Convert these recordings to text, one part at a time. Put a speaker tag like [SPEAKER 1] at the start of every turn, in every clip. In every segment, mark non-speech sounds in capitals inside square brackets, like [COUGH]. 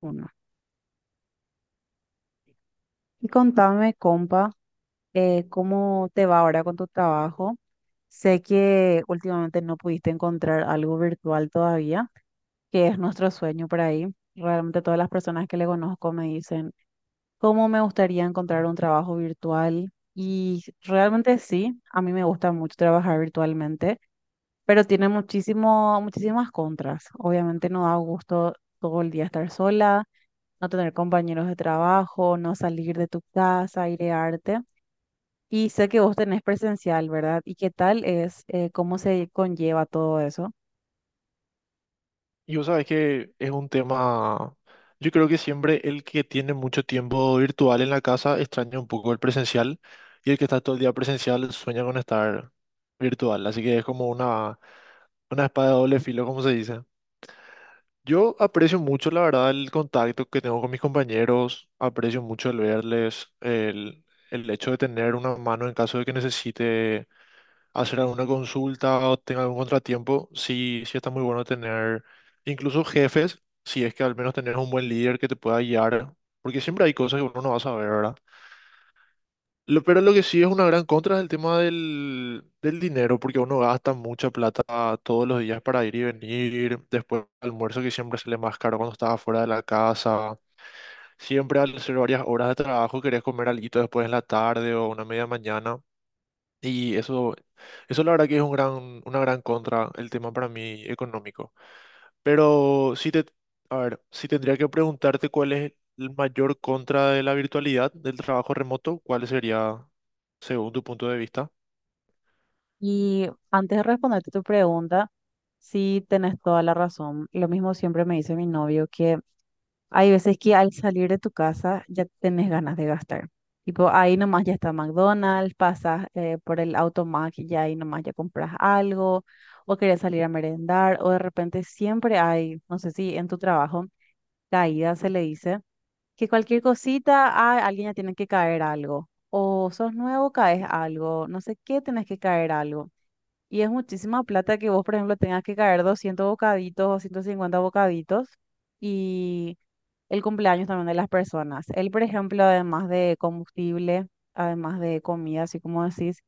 [SPEAKER 1] Uno. Y contame, compa, ¿cómo te va ahora con tu trabajo? Sé que últimamente no pudiste encontrar algo virtual todavía, que es nuestro sueño por ahí. Realmente todas las personas que le conozco me dicen, ¿cómo me gustaría encontrar un trabajo virtual? Y realmente sí, a mí me gusta mucho trabajar virtualmente, pero tiene muchísimas contras. Obviamente no da gusto todo el día estar sola, no tener compañeros de trabajo, no salir de tu casa, airearte. Y sé que vos tenés presencial, ¿verdad? ¿Y qué tal es, cómo se conlleva todo eso?
[SPEAKER 2] Y vos sabés que es un tema, yo creo que siempre el que tiene mucho tiempo virtual en la casa extraña un poco el presencial y el que está todo el día presencial sueña con estar virtual, así que es como una espada de doble filo, como se dice. Yo aprecio mucho, la verdad, el contacto que tengo con mis compañeros, aprecio mucho el verles, el hecho de tener una mano en caso de que necesite hacer alguna consulta o tenga algún contratiempo, sí, sí está muy bueno tener incluso jefes, si es que al menos tenés un buen líder que te pueda guiar, porque siempre hay cosas que uno no va a saber, ¿verdad? Pero lo que sí es una gran contra es el tema del dinero, porque uno gasta mucha plata todos los días para ir y venir, después almuerzo que siempre sale más caro cuando estás afuera de la casa, siempre al hacer varias horas de trabajo querés comer algo después en la tarde o una media mañana. Y eso, eso la verdad que es un gran, una gran contra el tema para mí económico. Pero si te, a ver, si tendría que preguntarte cuál es el mayor contra de la virtualidad, del trabajo remoto, ¿cuál sería según tu punto de vista?
[SPEAKER 1] Y antes de responderte tu pregunta, sí tenés toda la razón. Lo mismo siempre me dice mi novio que hay veces que al salir de tu casa ya tenés ganas de gastar. Tipo, ahí nomás ya está McDonald's, pasas por el Automac y ya ahí nomás ya compras algo, o querés salir a merendar, o de repente siempre hay, no sé si en tu trabajo, caída se le dice, que cualquier cosita, alguien ya tiene que caer algo, o sos nuevo, caes algo, no sé qué, tenés que caer algo. Y es muchísima plata que vos, por ejemplo, tengas que caer 200 bocaditos o 150 bocaditos y el cumpleaños también de las personas. Él, por ejemplo, además de combustible, además de comida, así como decís,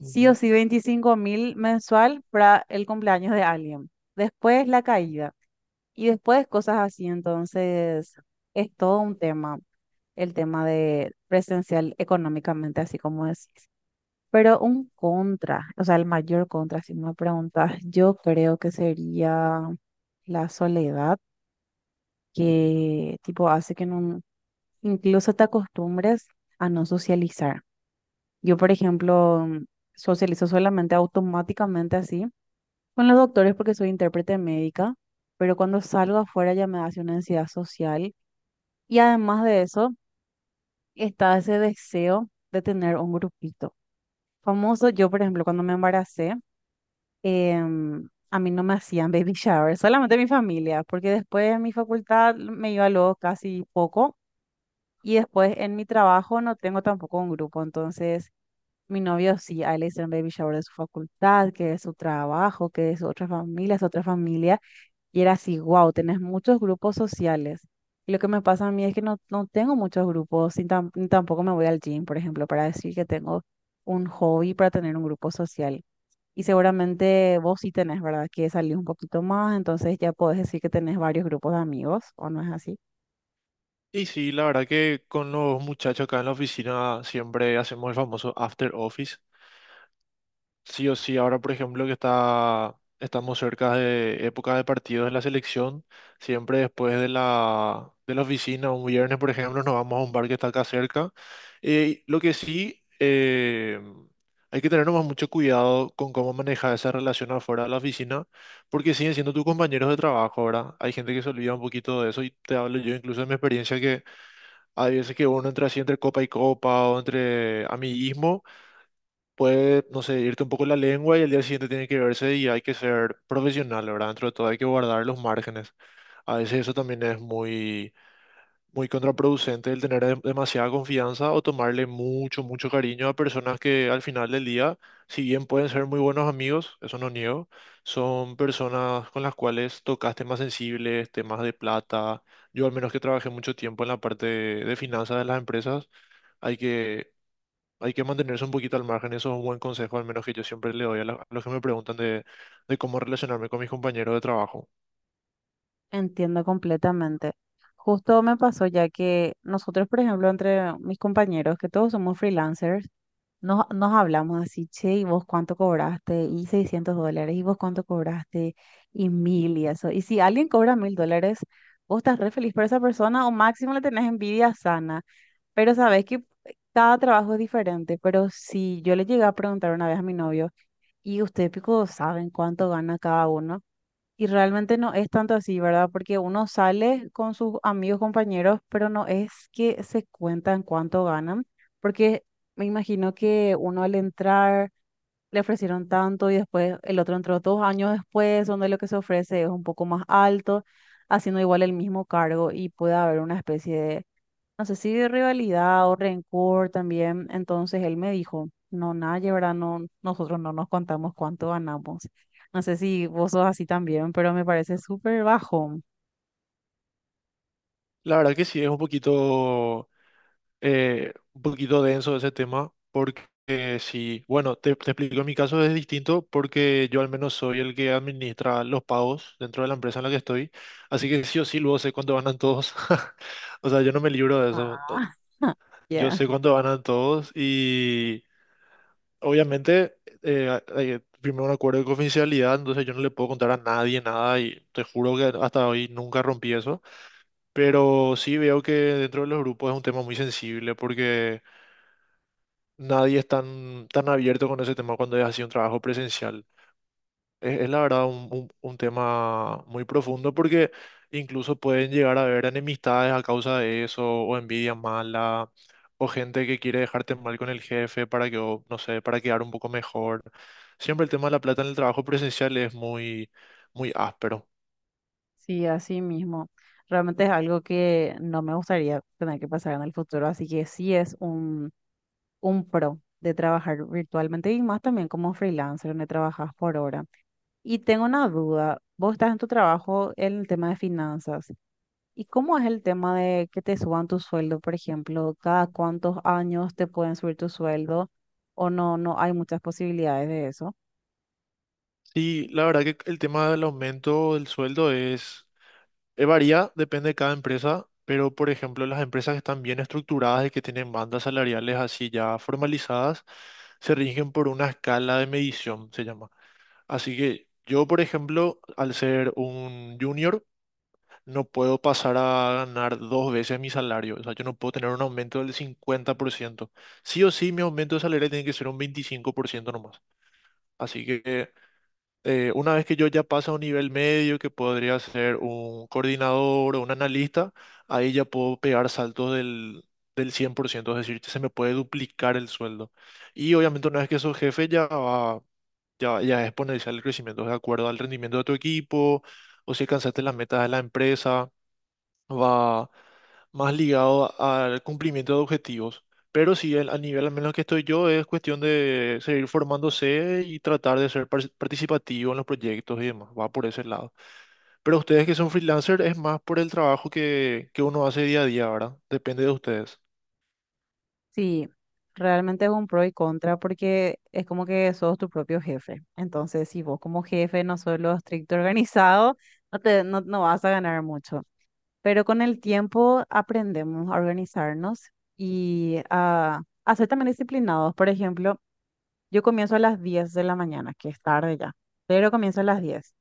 [SPEAKER 1] sí o
[SPEAKER 2] Ujú.
[SPEAKER 1] sí 25.000 mensual para el cumpleaños de alguien. Después la caída y después cosas así. Entonces, es todo un tema, el tema de presencial económicamente, así como decís. Pero un contra, o sea, el mayor contra, si me preguntas, yo creo que sería la soledad, que tipo hace que no, incluso te acostumbras a no socializar. Yo, por ejemplo, socializo solamente automáticamente así con los doctores porque soy intérprete médica, pero cuando salgo afuera ya me hace una ansiedad social. Y además de eso, está ese deseo de tener un grupito. Famoso, yo, por ejemplo, cuando me embaracé, a mí no me hacían [LAUGHS] baby shower, solamente mi familia, porque después en mi facultad me iba luego casi poco. Y después en mi trabajo no tengo tampoco un grupo. Entonces mi novio sí, a él le hicieron baby shower de su facultad, que de su trabajo, que de su otra familia, su otra familia. Y era así, wow, tenés muchos grupos sociales. Y lo que me pasa a mí es que no, no tengo muchos grupos, ni tampoco me voy al gym, por ejemplo, para decir que tengo un hobby para tener un grupo social. Y seguramente vos sí tenés, ¿verdad? Que salir un poquito más, entonces ya podés decir que tenés varios grupos de amigos, ¿o no es así?
[SPEAKER 2] Y sí, la verdad que con los muchachos acá en la oficina siempre hacemos el famoso after office. Sí o sí, ahora por ejemplo estamos cerca de época de partidos en la selección, siempre después de la oficina, un viernes por ejemplo, nos vamos a un bar que está acá cerca. Lo que sí, hay que tener nomás mucho cuidado con cómo manejar esa relación afuera de la oficina, porque siguen siendo tus compañeros de trabajo, ¿verdad? Hay gente que se olvida un poquito de eso y te hablo yo incluso de mi experiencia que hay veces que uno entra así entre copa y copa o entre amiguismo puede, no sé, irte un poco la lengua y al día siguiente tiene que verse y hay que ser profesional, ¿verdad? Dentro de todo hay que guardar los márgenes. A veces eso también es muy, muy contraproducente el tener demasiada confianza o tomarle mucho, mucho cariño a personas que al final del día, si bien pueden ser muy buenos amigos, eso no niego, son personas con las cuales tocas temas sensibles, temas de plata. Yo al menos que trabajé mucho tiempo en la parte de finanzas de las empresas hay que hay que mantenerse un poquito al margen, eso es un buen consejo, al menos que yo siempre le doy a, a los que me preguntan de cómo relacionarme con mis compañeros de trabajo.
[SPEAKER 1] Entiendo completamente. Justo me pasó ya que nosotros, por ejemplo, entre mis compañeros, que todos somos freelancers, nos hablamos así, che, ¿y vos cuánto cobraste? Y $600, ¿y vos cuánto cobraste? Y 1.000 y eso. Y si alguien cobra $1.000, vos estás re feliz por esa persona o máximo le tenés envidia sana. Pero sabés que cada trabajo es diferente. Pero si yo le llegué a preguntar una vez a mi novio, ¿y ustedes, pico, saben cuánto gana cada uno? Y realmente no es tanto así, ¿verdad? Porque uno sale con sus amigos, compañeros, pero no es que se cuentan cuánto ganan, porque me imagino que uno al entrar le ofrecieron tanto y después el otro entró 2 años después, donde lo que se ofrece es un poco más alto, haciendo igual el mismo cargo y puede haber una especie de, no sé si de rivalidad o rencor también. Entonces él me dijo, no, nadie, ¿verdad? No, nosotros no nos contamos cuánto ganamos. No sé si vos sos así también, pero me parece súper bajo.
[SPEAKER 2] La verdad que sí, es un poquito denso ese tema, porque sí, bueno, te explico, en mi caso es distinto porque yo al menos soy el que administra los pagos dentro de la empresa en la que estoy, así que sí o sí luego sé cuánto ganan todos, [LAUGHS] o sea, yo no me libro de eso,
[SPEAKER 1] Ah, [LAUGHS]
[SPEAKER 2] yo
[SPEAKER 1] ya.
[SPEAKER 2] sé cuánto ganan todos y... obviamente, hay primero un acuerdo de confidencialidad, entonces yo no le puedo contar a nadie nada y te juro que hasta hoy nunca rompí eso. Pero sí veo que dentro de los grupos es un tema muy sensible porque nadie es tan, tan abierto con ese tema cuando es así un trabajo presencial. Es la verdad un tema muy profundo porque incluso pueden llegar a haber enemistades a causa de eso, o envidia mala, o gente que quiere dejarte mal con el jefe no sé, para quedar un poco mejor. Siempre el tema de la plata en el trabajo presencial es muy, muy áspero.
[SPEAKER 1] Sí, así mismo. Realmente es algo que no me gustaría tener que pasar en el futuro, así que sí es un pro de trabajar virtualmente y más también como freelancer, donde trabajas por hora. Y tengo una duda, vos estás en tu trabajo en el tema de finanzas. ¿Y cómo es el tema de que te suban tu sueldo, por ejemplo? ¿Cada cuántos años te pueden subir tu sueldo? ¿O no hay muchas posibilidades de eso?
[SPEAKER 2] Sí, la verdad que el tema del aumento del sueldo es varía, depende de cada empresa, pero por ejemplo, las empresas que están bien estructuradas y que tienen bandas salariales así ya formalizadas, se rigen por una escala de medición, se llama. Así que yo, por ejemplo, al ser un junior, no puedo pasar a ganar dos veces mi salario. O sea, yo no puedo tener un aumento del 50%. Sí o sí, mi aumento de salario tiene que ser un 25% nomás. Así que una vez que yo ya paso a un nivel medio, que podría ser un coordinador o un analista, ahí ya puedo pegar saltos del 100%, es decir, se me puede duplicar el sueldo. Y obviamente una vez que sos jefe ya es exponencial el crecimiento de acuerdo al rendimiento de tu equipo o si alcanzaste las metas de la empresa va más ligado al cumplimiento de objetivos. Pero sí, a nivel al menos que estoy yo, es cuestión de seguir formándose y tratar de ser participativo en los proyectos y demás. Va por ese lado. Pero ustedes que son freelancers, es más por el trabajo que uno hace día a día, ¿verdad? Depende de ustedes.
[SPEAKER 1] Sí, realmente es un pro y contra porque es como que sos tu propio jefe. Entonces, si vos como jefe no sos lo estricto [LAUGHS] organizado, no te, no, no vas a ganar mucho. Pero con el tiempo aprendemos a organizarnos y a ser también disciplinados. Por ejemplo, yo comienzo a las 10 de la mañana, que es tarde ya. Pero comienzo a las 10.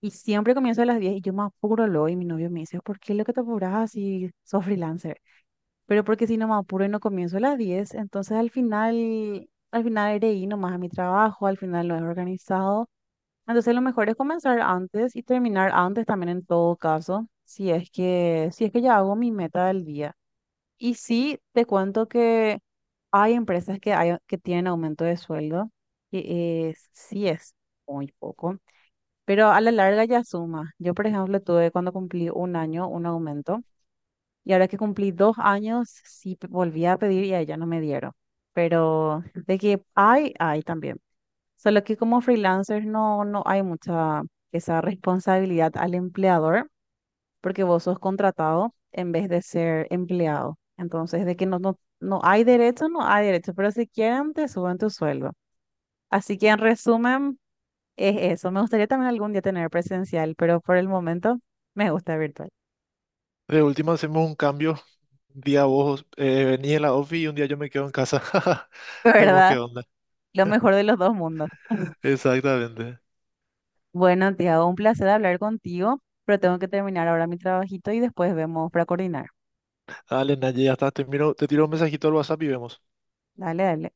[SPEAKER 1] Y siempre comienzo a las 10 y yo me apuro luego y mi novio me dice, ¿por qué lo que te apuras así? Sos freelancer. Pero porque si no me apuro y no comienzo a las 10 entonces al final iré y nomás a mi trabajo, al final lo he organizado. Entonces lo mejor es comenzar antes y terminar antes también en todo caso, si es que, si es que ya hago mi meta del día. Y sí, te cuento que hay empresas que que tienen aumento de sueldo, que es, sí es muy poco, pero a la larga ya suma. Yo, por ejemplo, tuve cuando cumplí un año un aumento y ahora que cumplí 2 años sí volví a pedir y a ella no me dieron. Pero de que hay también. Solo que como freelancer no hay mucha esa responsabilidad al empleador porque vos sos contratado en vez de ser empleado. Entonces, de que no hay derecho, no hay derecho, pero si quieren te suben tu sueldo. Así que en resumen, es eso. Me gustaría también algún día tener presencial, pero por el momento me gusta virtual.
[SPEAKER 2] De última hacemos un cambio. Un día vos venís a la ofi y un día yo me quedo en casa. [LAUGHS]
[SPEAKER 1] [LAUGHS]
[SPEAKER 2] Vemos qué
[SPEAKER 1] ¿Verdad?
[SPEAKER 2] onda.
[SPEAKER 1] Lo mejor de los dos mundos.
[SPEAKER 2] Exactamente.
[SPEAKER 1] Bueno, Tiago, un placer hablar contigo, pero tengo que terminar ahora mi trabajito y después vemos para coordinar.
[SPEAKER 2] Dale, Naye, ya está. Te tiro un mensajito al WhatsApp y vemos.
[SPEAKER 1] Dale, dale.